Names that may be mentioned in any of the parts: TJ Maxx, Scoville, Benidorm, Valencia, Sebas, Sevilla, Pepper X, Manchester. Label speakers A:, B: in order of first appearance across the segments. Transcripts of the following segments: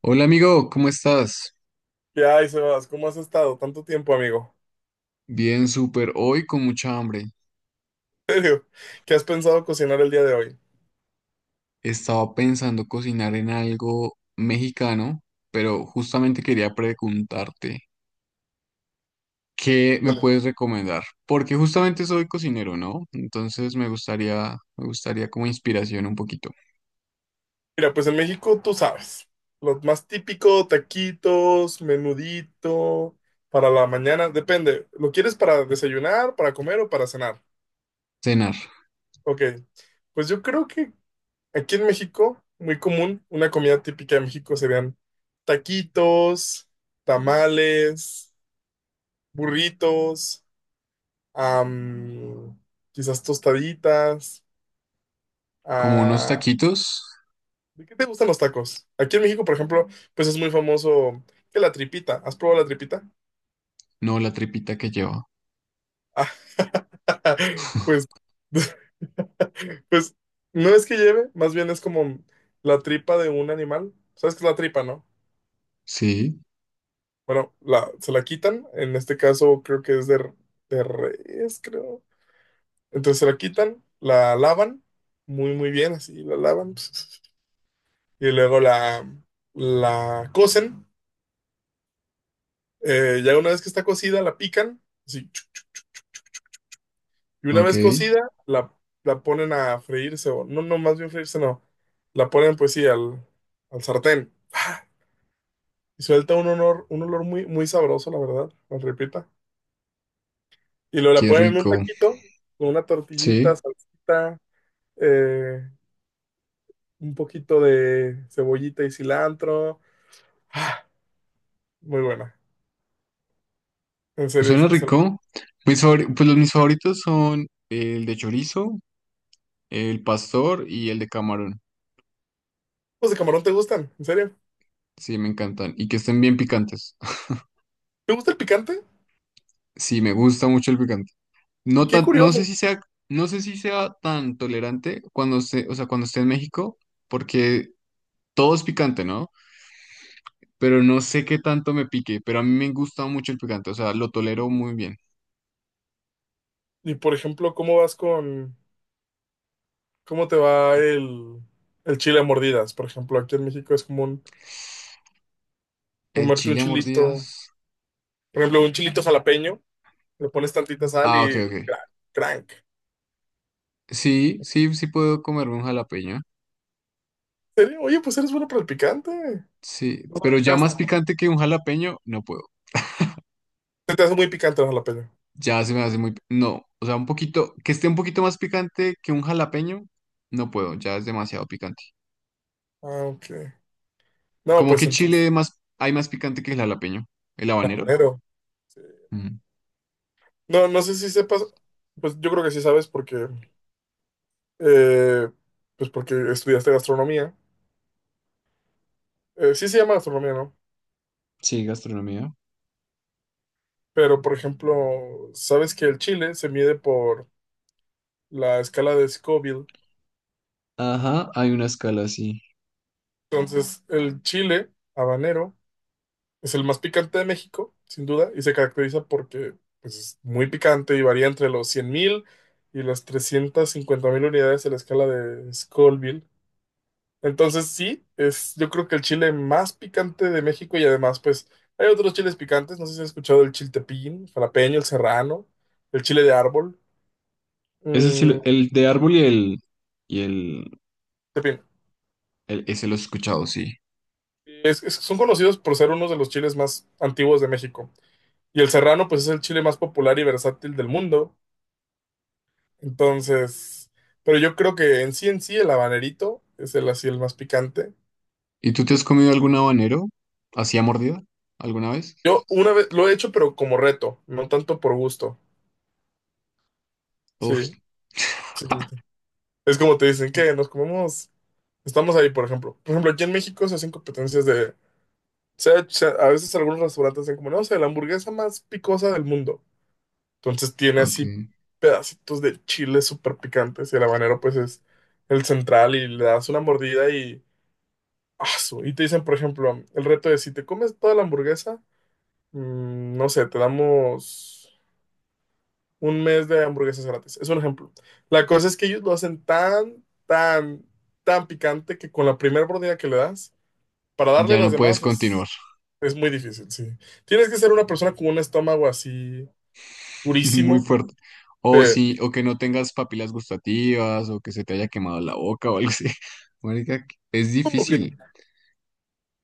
A: Hola amigo, ¿cómo estás?
B: ¿Qué hay, Sebas? ¿Cómo has estado? Tanto tiempo, amigo.
A: Bien, súper. Hoy con mucha hambre.
B: ¿En serio? ¿Qué has pensado cocinar el día de hoy?
A: Estaba pensando cocinar en algo mexicano, pero justamente quería preguntarte, ¿qué me
B: Híjole.
A: puedes recomendar? Porque justamente soy cocinero, ¿no? Entonces me gustaría como inspiración un poquito.
B: Mira, pues en México tú sabes, lo más típico, taquitos, menudito, para la mañana, depende, ¿lo quieres para desayunar, para comer o para cenar?
A: Cenar,
B: Ok, pues yo creo que aquí en México, muy común, una comida típica de México serían taquitos, tamales, burritos, am, quizás tostaditas.
A: como unos
B: Ah,
A: taquitos,
B: ¿de qué te gustan los tacos? Aquí en México, por ejemplo, pues es muy famoso que la tripita. ¿Has probado la tripita?
A: no la tripita que lleva.
B: Ah, pues, pues no es que lleve, más bien es como la tripa de un animal. ¿Sabes qué es la tripa, no?
A: Sí,
B: Bueno, se la quitan, en este caso creo que es de, de res, creo. Entonces se la quitan, la lavan muy, muy bien, así la lavan. Y luego la cocen. Ya una vez que está cocida, la pican. Sí, y una
A: ok,
B: vez cocida, la, la ponen a freírse. O, no, no, más bien freírse, no. La ponen, pues sí, al sartén. Y suelta un olor muy, muy sabroso, la verdad, la repita. Y luego la
A: qué
B: ponen en un
A: rico.
B: taquito, con una tortillita,
A: Sí,
B: salsita, eh, un poquito de cebollita y cilantro. Ah, muy buena. En serio,
A: suena rico. Pues los mis favoritos son el de chorizo, el pastor y el de camarón.
B: ¿los de camarón te gustan? ¿En serio?
A: Sí, me encantan. Y que estén bien picantes.
B: ¿Te gusta el picante?
A: Sí, me gusta mucho el picante. No
B: Qué
A: tan, no sé
B: curioso.
A: si sea, no sé si sea tan tolerante cuando esté, o sea, cuando esté en México, porque todo es picante, ¿no? Pero no sé qué tanto me pique, pero a mí me gusta mucho el picante, o sea, lo tolero muy bien.
B: Y por ejemplo, cómo te va el chile a mordidas? Por ejemplo, aquí en México es común
A: ¿El
B: comerte un
A: chile a
B: chilito,
A: mordidas?
B: por ejemplo, un chilito jalapeño, le pones tantita sal
A: Ah, ok,
B: y
A: ok.
B: crank.
A: Sí, sí, sí puedo comerme un jalapeño.
B: ¿En serio? Oye, pues eres bueno para el picante.
A: Sí, pero ya más picante que un jalapeño, no puedo.
B: Se te hace muy picante el jalapeño.
A: Ya se me hace muy... No, o sea, un poquito, que esté un poquito más picante que un jalapeño, no puedo, ya es demasiado picante.
B: Ah, ok. No,
A: Como
B: pues
A: que
B: entonces,
A: chile más, hay más picante que el jalapeño, el habanero.
B: habanero. Sí.
A: Ujú.
B: No, no sé si sepas, pues yo creo que sí sabes porque, eh, pues porque estudiaste gastronomía. Sí se llama gastronomía, ¿no?
A: Sí, gastronomía.
B: Pero, por ejemplo, sabes que el chile se mide por la escala de Scoville.
A: Ajá, hay una escala así.
B: Entonces, el chile habanero es el más picante de México, sin duda, y se caracteriza porque pues, es muy picante y varía entre los 100.000 y las 350.000 unidades en la escala de Scoville. Entonces, sí, es yo creo que el chile más picante de México y además, pues, hay otros chiles picantes. No sé si has escuchado el chiltepín, el jalapeño, el serrano, el chile de árbol.
A: Eso sí,
B: Mm,
A: el de árbol y el, y el,
B: en
A: El- ese lo he escuchado, sí.
B: Son conocidos por ser uno de los chiles más antiguos de México. Y el serrano, pues es el chile más popular y versátil del mundo. Entonces, pero yo creo que en sí, el habanerito es el así el más picante.
A: ¿Y tú te has comido algún habanero? ¿Así a mordida? ¿Alguna vez?
B: Yo una vez lo he hecho, pero como reto, no tanto por gusto.
A: Uf,
B: Sí, sí, sí, sí. Es como te dicen que nos comemos, estamos ahí, por ejemplo. Por ejemplo, aquí en México se hacen competencias de, a veces algunos restaurantes hacen como, no, sé la hamburguesa más picosa del mundo. Entonces tiene así
A: ok.
B: pedacitos de chile súper picantes y el habanero pues es el central y le das una mordida y asu, y te dicen, por ejemplo, el reto de si te comes toda la hamburguesa, no sé, te damos un mes de hamburguesas gratis. Es un ejemplo. La cosa es que ellos lo hacen tan, tan, tan picante que con la primera mordida que le das, para darle
A: Ya
B: las
A: no puedes
B: demás
A: continuar.
B: es muy difícil, sí. Tienes que ser una persona con un estómago así
A: Muy
B: durísimo.
A: fuerte. O
B: que
A: sí, o que no tengas papilas gustativas, o que se te haya quemado la boca o algo así. Marica, es difícil.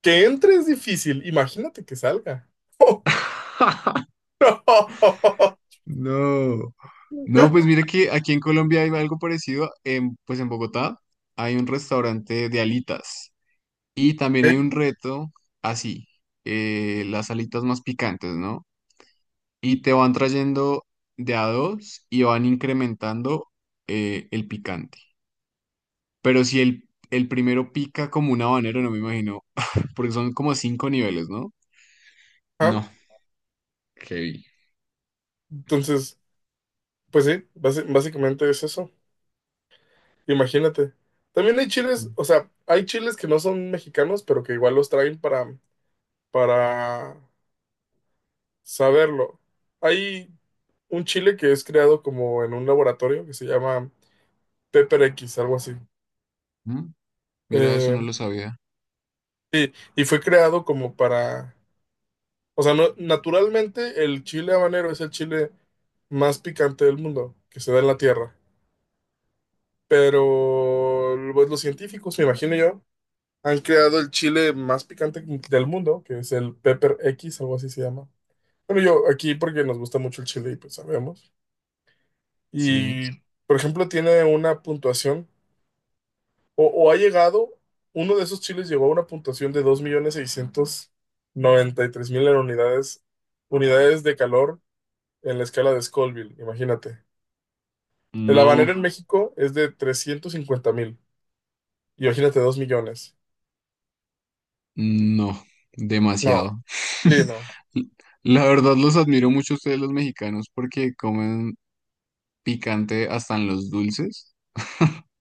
B: que entre es difícil, imagínate que salga.
A: No. No, pues mira que aquí en Colombia hay algo parecido. Pues en Bogotá hay un restaurante de alitas. Y también hay un
B: Ok,
A: reto así, las alitas más picantes, ¿no? Y te van trayendo de a dos y van incrementando el picante. Pero si el primero pica como un habanero, no me imagino, porque son como cinco niveles, ¿no?
B: ajá.
A: No, heavy.
B: Entonces, pues sí, básicamente es eso. Imagínate. También hay chiles, o sea, hay chiles que no son mexicanos, pero que igual los traen para, saberlo. Hay un chile que es creado como en un laboratorio que se llama Pepper X, algo así.
A: Ujú. Mira, eso
B: Eh,
A: no lo sabía.
B: y fue creado como para, o sea, naturalmente el chile habanero es el chile más picante del mundo que se da en la tierra. Pero pues, los científicos, me imagino yo han creado el chile más picante del mundo, que es el Pepper X, algo así se llama. Bueno, yo aquí porque nos gusta mucho el chile y pues sabemos.
A: Sí.
B: Y, por ejemplo, tiene una puntuación, o ha llegado, uno de esos chiles llegó a una puntuación de 2.693.000 unidades, unidades de calor en la escala de Scoville, imagínate. El habanero
A: No,
B: en México es de 350.000, imagínate 2 millones.
A: no, demasiado.
B: No, sí, no.
A: La verdad los admiro mucho a ustedes los mexicanos porque comen picante hasta en los dulces.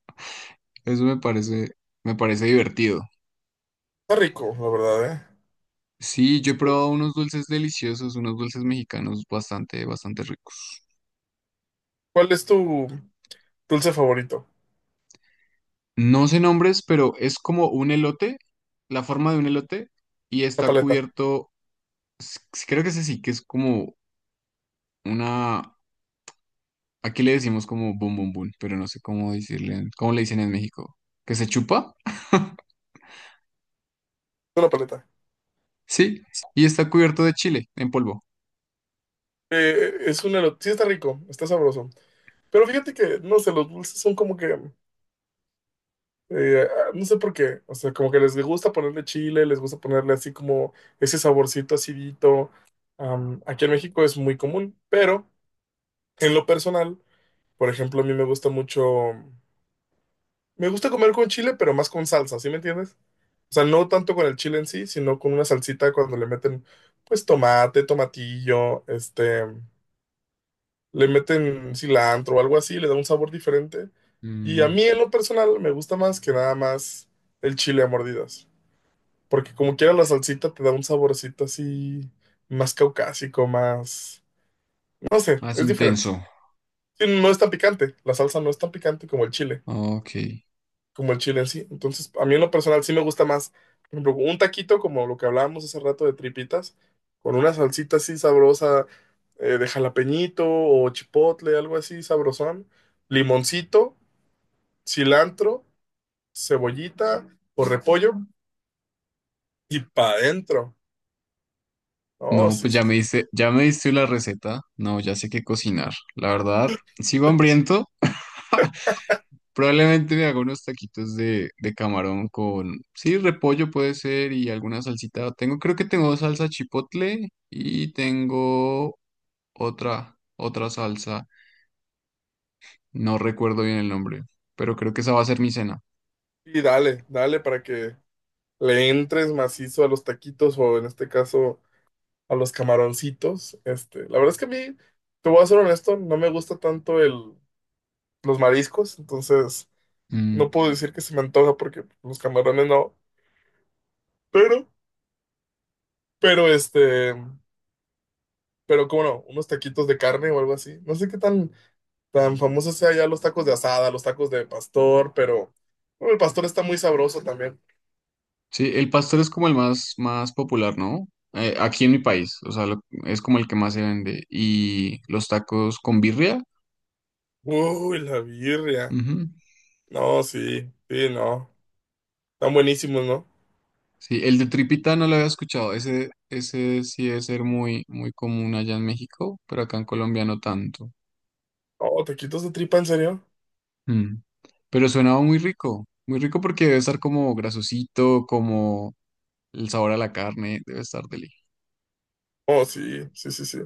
A: Eso me parece divertido.
B: Está rico, la verdad,
A: Sí, yo he
B: ¿eh?
A: probado unos dulces deliciosos, unos dulces mexicanos bastante, bastante ricos.
B: ¿Cuál es tu dulce favorito?
A: No sé nombres, pero es como un elote, la forma de un elote, y
B: La
A: está
B: paleta.
A: cubierto, creo que ese sí, que es como una, aquí le decimos como bum bum bum, pero no sé cómo decirle, cómo le dicen en México, que se chupa,
B: De la paleta.
A: sí, y está cubierto de chile en polvo.
B: Es un elote. Sí, está rico, está sabroso. Pero fíjate que, no sé, los dulces son como que no sé por qué. O sea, como que les gusta ponerle chile, les gusta ponerle así como ese saborcito acidito. Aquí en México es muy común, pero en lo personal, por ejemplo, a mí me gusta mucho. Me gusta comer con chile, pero más con salsa, ¿sí me entiendes? O sea, no tanto con el chile en sí, sino con una salsita cuando le meten, pues, tomate, tomatillo, le meten cilantro o algo así, le da un sabor diferente. Y a
A: Mm,
B: mí en lo personal me gusta más que nada más el chile a mordidas, porque como quiera la salsita te da un saborcito así más caucásico, más, no sé,
A: más
B: es diferente.
A: intenso,
B: Sí, no es tan picante, la salsa no es tan picante como el chile.
A: ok.
B: Como el chile en sí. Entonces, a mí en lo personal sí me gusta más, por ejemplo, un taquito como lo que hablábamos hace rato de tripitas, con una salsita así sabrosa de jalapeñito o chipotle, algo así sabrosón, limoncito, cilantro, cebollita o repollo y pa' adentro. Oh,
A: No,
B: sí,
A: pues
B: sí, sí.
A: ya me diste la receta, no, ya sé qué cocinar, la verdad, sigo hambriento. Probablemente me haga unos taquitos de camarón con, sí, repollo puede ser y alguna salsita. Tengo, creo que tengo salsa chipotle y tengo otra salsa. No recuerdo bien el nombre, pero creo que esa va a ser mi cena.
B: Y dale, dale para que le entres macizo a los taquitos o en este caso a los camaroncitos. La verdad es que a mí, te voy a ser honesto, no me gusta tanto el los mariscos, entonces no
A: Mm.
B: puedo decir que se me antoja porque los camarones no, pero, pero este, pero cómo no, unos taquitos de carne o algo así. No sé qué tan, tan famosos sea ya los tacos de asada, los tacos de pastor, pero bueno, el pastor está muy sabroso también.
A: Sí, el pastor es como el más, más popular, ¿no? Aquí en mi país, o sea, es como el que más se vende. Y los tacos con birria.
B: Uy, la birria.
A: Ujú.
B: No, sí, sí, no. Están buenísimos, ¿no?
A: Sí, el de tripita no lo había escuchado. Ese sí debe ser muy, muy común allá en México, pero acá en Colombia no tanto.
B: Oh, taquitos de tripa, ¿en serio?
A: Mm. Pero sonaba muy rico porque debe estar como grasosito, como el sabor a la carne, debe estar deli.
B: Oh, sí, sí, sí, sí.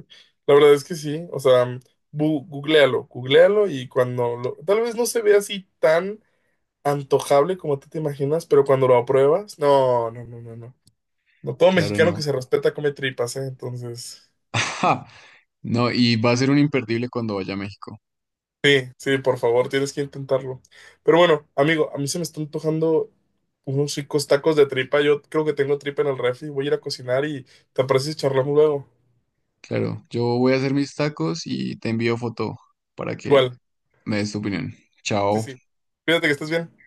B: La verdad es que sí. O sea, googlealo, googlealo y cuando tal vez no se ve así tan antojable como tú te imaginas, pero cuando lo apruebas, no, no, no, no, no. No todo
A: Claro,
B: mexicano que
A: no.
B: se respeta come tripas, ¿eh? Entonces,
A: No, y va a ser un imperdible cuando vaya a México.
B: sí, sí, por favor, tienes que intentarlo. Pero bueno, amigo, a mí se me están antojando unos ricos tacos de tripa. Yo creo que tengo tripa en el refri. Voy a ir a cocinar y te apareces y charlamos luego.
A: Claro, yo voy a hacer mis tacos y te envío foto para que
B: Igual,
A: me des tu opinión.
B: sí,
A: Chao.
B: sí. Cuídate que estés bien.